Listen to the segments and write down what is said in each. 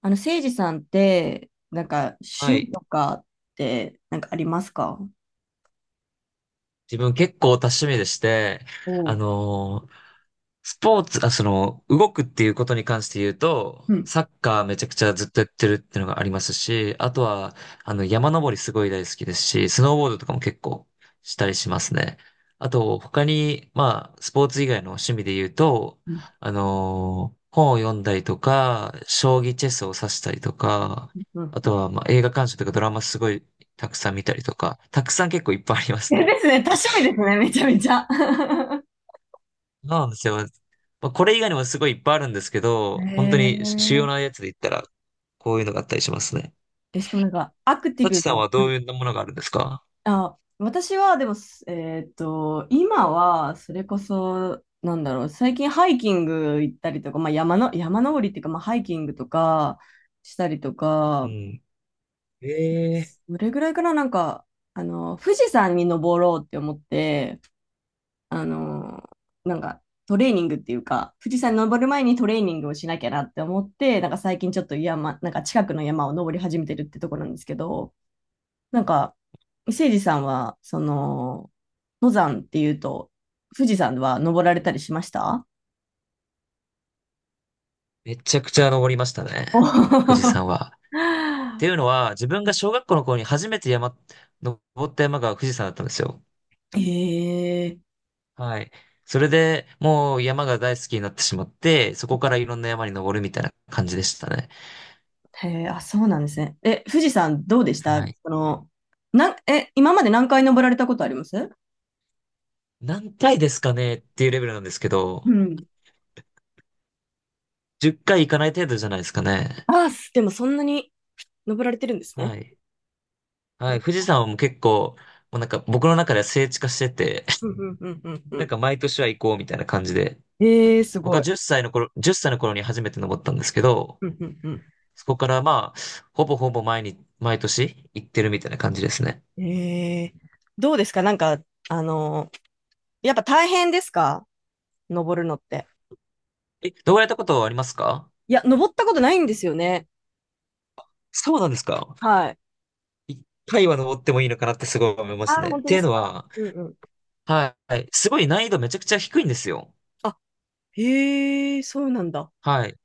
せいじさんって、なんか、は趣味い。とかって、なんかありますか？自分結構多趣味でして、おあう。のースポーツ、あ、動くっていうことに関して言うと、うん。サッカーめちゃくちゃずっとやってるっていうのがありますし、あとは、山登りすごい大好きですし、スノーボードとかも結構したりしますね。あと、他に、まあ、スポーツ以外の趣味で言うと、うん。本を読んだりとか、将棋チェスを指したりとか、うん。あ うとん。は、まあ、映画鑑賞とかドラマすごいたくさん見たりとか、たくさん結構いっぱいありますね。ですね。多趣味ですね。めちゃめちゃ。そうなんですよ。まあ、これ以外にもすごいいっぱいあるんですけへど、本当に主要なえ。やつで言ったら、こういうのがあったりしますね。しかもなんか、アクティサチブさんも。はうどん。ういうものがあるんですか？あ、私は、でも、すえっと、今は、それこそ、なんだろう、最近ハイキング行ったりとか、まあ、山登りっていうか、まあ、ハイキングとか、したりとか、うん。ええ、どれぐらいかな、なんか、富士山に登ろうって思って、あの、なんかトレーニングっていうか、富士山に登る前にトレーニングをしなきゃなって思って、なんか最近ちょっとなんか近くの山を登り始めてるってところなんですけど、なんか、誠司さんは、その、登山っていうと、富士山は登られたりしました？めちゃくちゃ登りましたね。富士お。山は。っていうのは、自分が小学校の頃に初めて山、登った山が富士山だったんですよ。えー。 へえ、はい。それでもう山が大好きになってしまって、そこからいろんな山に登るみたいな感じでしたね。へえ。あ、そうなんですね。え、富士山どうでした？はい。その、え、今まで何回登られたことあります？何回ですかねっていうレベルなんですけうど、ん。10回行かない程度じゃないですかね。ああ、でもそんなに登られてるんですね。はい。そはい。れ。富士山はもう結構、もうなんか僕の中では聖地化してて、うん うんうんうんなんうか毎年は行こうみたいな感じで。ん。えー、す僕ごはい。10歳の頃、1歳の頃に初めて登ったんですけど、うんうんうそこからまあ、ほぼほぼ毎日、毎年行ってるみたいな感じですね。ん。えー、どうですか？なんか、あのーやっぱ大変ですか？登るのって。え、登られたことはありますか？いや、登ったことないんですよね。そうなんですか？はい。一回は登ってもいいのかなってすごい思いますあー、ね。っ本当てでいうすのか？は、うんうん。はい。すごい難易度めちゃくちゃ低いんですよ。あ、へえ、そうなんだ。はい。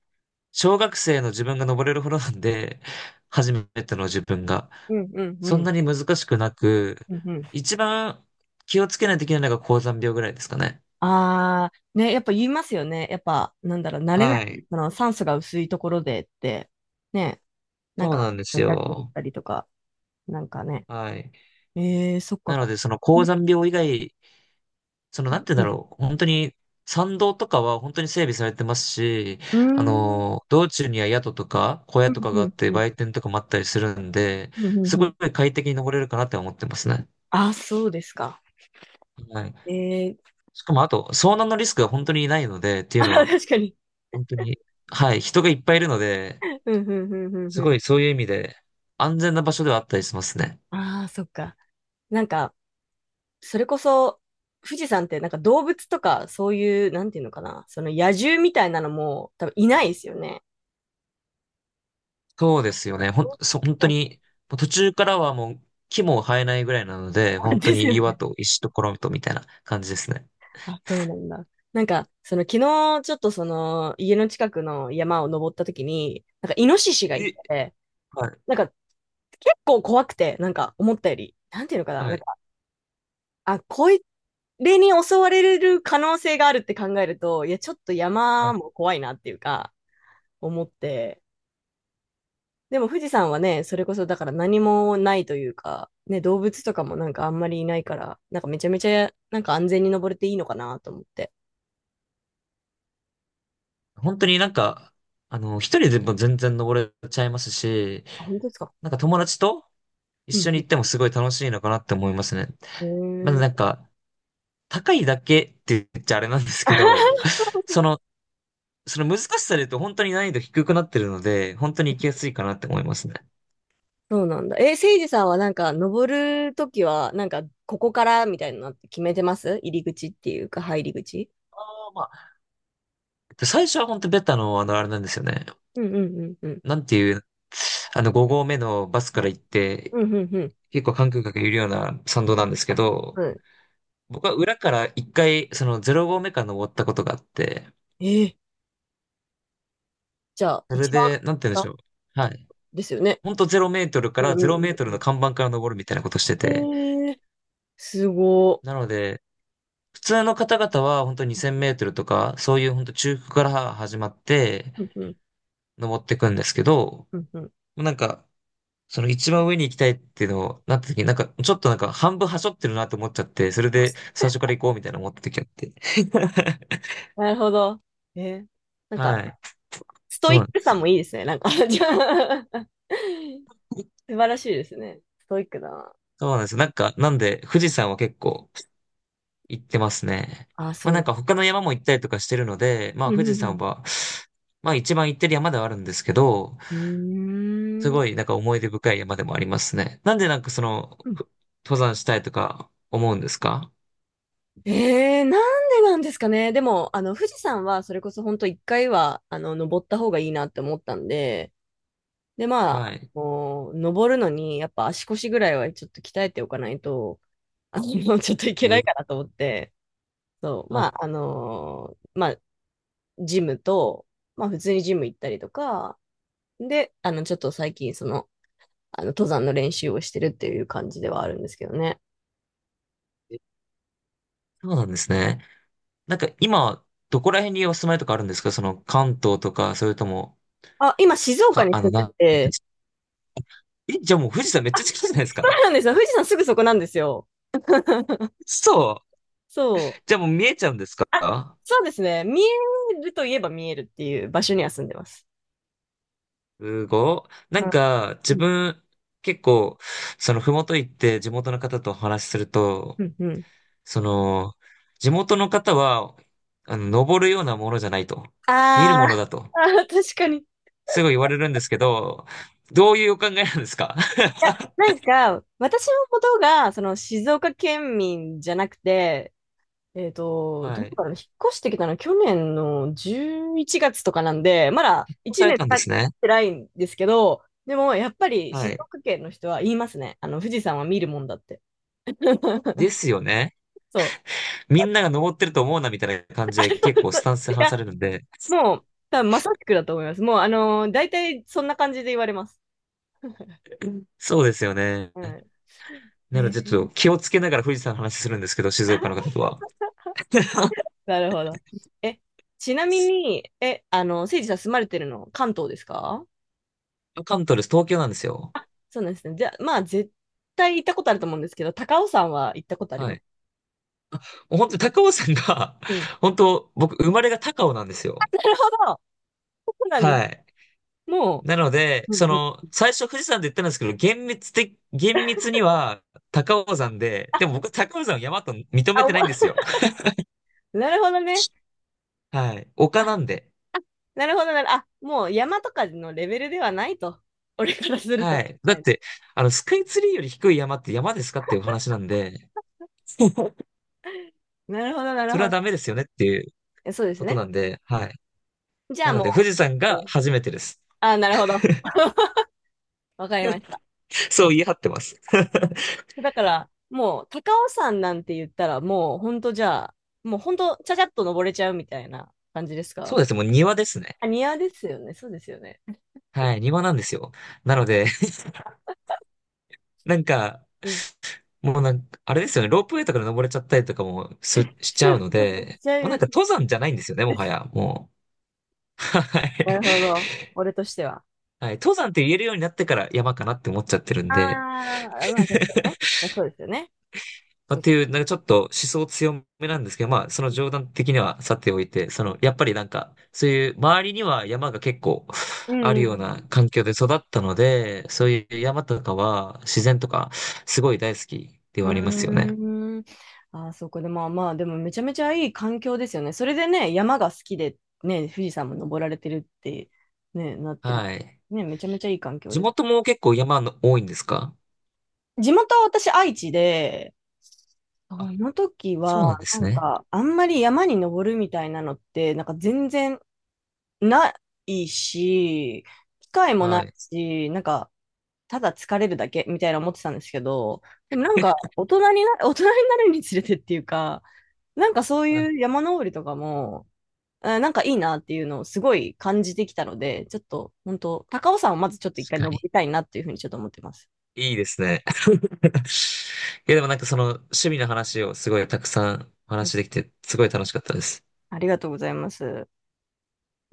小学生の自分が登れるほどなんで、初めての自分が。うんうんうそんなん。に難しくなく、うんうん。一番気をつけないといけないのが高山病ぐらいですかね。あー、ね、やっぱ言いますよね。やっぱ、なんだろう、慣れない、はい。その酸素が薄いところでって、ね、なんそうか、なんです痛くなっよ。たりとか、なんかね。はい。えー、そっか。なので、その高山病以外、なんて言うんだろう。本当に、山道とかは本当に整備されてますし、うーん、道中には宿とか小屋うとんかうがあっんて、うん、売店とかもあったりするんで、うんうすんごういん。快適に登れるかなって思ってますね。あ、そうですか。はい、えー、しかもあと、遭難のリスクが本当にないので、っ ていうあ、のは、確かに。本当に、はい、人がいっぱいいるので、うんうんうんうんすうごん。いそういう意味で、安全な場所ではあったりしますね。ああ、そっか。なんか、それこそ、富士山ってなんか動物とか、そういう、なんていうのかな、その野獣みたいなのも多分いないですよね。そうですよね。ほん、そ、本い当ないです。に、もう途中からはもう木も生えないぐらいなので、あ、本当ですによ岩ね。と石とコロンとみたいな感じですね。あ、そうなんだ。なんか、その昨日、ちょっとその、家の近くの山を登った時に、なんか、イノシシがいえ、て、はい、なんか、結構怖くて、なんか、思ったより、なんていうのかな、はなんい、か、あ、こいれに襲われる可能性があるって考えると、いや、ちょっとは山い。も怖いなっていうか、思って。でも富士山はね、それこそだから何もないというか、ね、動物とかもなんかあんまりいないから、なんかめちゃめちゃ、なんか安全に登れていいのかなと思って。本当になんか、一人でも全然登れちゃいますし、あ、本当ですか？なんか友達と一う緒にん。行ってもすごい楽しいのかなって思いますね。へまだー。 なんか、高いだけって言っちゃあれなんですけど、その、その難しさで言うと本当に難易度低くなってるので、本当に行きやすいかなって思いますね。そうなんだ。え、せいじさんはなんか登るときは、なんかここからみたいなのって決めてます？入り口っていうか、入り口？ああ、まあ、最初は本当ベタの、あれなんですよね。うんうんうんうん。なんていう、5合目のバスから行って、うんうんうん。結構観光客いるような参道なんですけうど、ん。僕は裏から一回、その0合目から登ったことがあって、え、じゃあ、それ一番で、なんて言うんで下しっょう。てはこい。とですよね。ほんと0メートルかうんうら0んメートうルんのう看板から登るみたいなことしてて、ん。えー、すごー。なので、普通の方々は本当2000メートルとか、そういう本当中腹から始まってうんうん登っていくんですけど、うんうん。なんか、その一番上に行きたいっていうのをなった時に、なんかちょっとなんか半分端折ってるなって思っちゃって、それで最初から行こうみたいな思った時あって。なるほど。えー、なんはか、い。ストそイうッなんでクさす。もいいですね。なんか。 じゃあ。 素晴らしいですね。ストイックだな。そうなんです。なんか、なんで富士山は結構行ってますね。あ、まそあうなでんす。か他の山も行ったりとかしてるので、まあうん富士う山んは、まあ一番行ってる山ではあるんですけど、うすん。うーん。ごい、なんか思い出深い山でもありますね。なんでなんかその、うん。登山したいとか思うんですか？えー、なんでなんですかね。でも、富士山は、それこそ本当一回は、登った方がいいなって思ったんで、で、まあ、はい。こう登るのに、やっぱ足腰ぐらいはちょっと鍛えておかないと、あの、ちょっといけえないーかなと思って、そう、あ、まあ、ジムと、まあ、普通にジム行ったりとか、で、ちょっと最近、その、登山の練習をしてるっていう感じではあるんですけどね。えそうなんですね。なんか今、どこら辺にお住まいとかあるんですか？その関東とか、それとも、あ、今、静岡か、にあ住の、んなでんて、え、じゃあもう富士山めっちゃ近いじゃないですそか。うなんですよ。富士山すぐそこなんですよ。そう。そじう。ゃあもう見えちゃうんですか？あ、そうですね。見えるといえば見えるっていう場所には住んでます。すごい。なうんん、か、自うん、分、結構、ふもと行って地元の方とお話しするうと、ん。うん。その、地元の方は、登るようなものじゃないと。見るあものだと。あ、あー、確かに。いすごい言われるんですけど、どういうお考えなんですか？ や、なんか、私のことが、その、静岡県民じゃなくて、はどこい。から引っ越してきたの去年の11月とかなんで、まだそうさ1れ年経たんでっすね。てないんですけど、でも、やっぱりは静い。岡県の人は言いますね。富士山は見るもんだって。で すよね。そう。みんなが登ってると思うなみたいな感じで結構ス タンスでい話や、されるんで。もう、多分まさしくだと思います。もう、大体そんな感じで言われます。そうですよね。うん。へなのでちょっえ。と気をつけながら富士山の話するんですけど、静岡の方とは。なるほど。え、ちなみに、え、あの、せいじさん住まれてるの関東ですか？関東です。東京なんですよ。あ、そうなんですね。じゃあ、まあ、絶対行ったことあると思うんですけど、高尾山は行ったことありはまい。す？もう本当に高尾山が、うん。本当僕生まれが高尾なんですあ、よ。なるほど。そうなんです。はい。もなので、う。うんうん。最初富士山で言ったんですけど、厳密には高尾山で、でも僕高尾山を山と認めあ、おても。 ないんです よ。なるほどね。はい。丘あ、なんで。なるほどなる。あ、もう山とかのレベルではないと。俺からするはと。い。だはっい。て、スカイツリーより低い山って山ですかっていうお話なんで、なるほど、なるそれほはダど。メですよねっていうえ、そうですことね。なんで、はい。じゃなあので、富も士山う。うがん。初めてです。あ、なるほど。わかりまし た。そう言い張ってます。だから、もう、高尾山なんて言ったら、もう、ほんとじゃあ、もうほんと、ちゃちゃっと登れちゃうみたいな感じですそか？うです。もう庭ですね。あ、庭ですよね。そうですよね。はい。庭なんですよ。なので、なんか、うん。もうなんか、あれですよね、ロープウェイとかで登れちゃったりとかもしちゃうのそうそう、で、ちなもうなんみかに、登山じゃないんですよね、もはや、もう。はい。なるほど。俺としては。はい、登山って言えるようになってから山かなって思っちゃってるんあで、あ、まあ確かにね。まあそうですよね。まあ、っていう、なんかちょっと思想強めなんですけど、まあ、その冗談的にはさておいて、やっぱりなんか、そういう周りには山が結構 うあるんよううんな環境で育ったので、そういう山とかは自然とかすごい大好きでうはありますよね。ん。うーん。ああ、そうか。でもまあまあ、でもめちゃめちゃいい環境ですよね。それでね、山が好きで、ね、富士山も登られてるって、ね、なってる。はい。ね、めちゃめちゃいい環境地です。元も結構山の多いんですか？地元は私愛知で、その時そうなは、んでなすんね。か、あんまり山に登るみたいなのって、なんか全然ないし、機会もないはい。し、なんか、ただ疲れるだけみたいな思ってたんですけど、でもなんか、大人にな、大人になるにつれてっていうか、なんかそうはい。いう山登りとかも、あ、なんかいいなっていうのをすごい感じてきたので、ちょっと、本当高尾山をまずちょっと一回確か登に。りたいなっていうふうにちょっと思ってます。いいですね。いや、でもなんかその趣味の話をすごいたくさんおう話ん。しできて、すごい楽しかったです。ありがとうございます。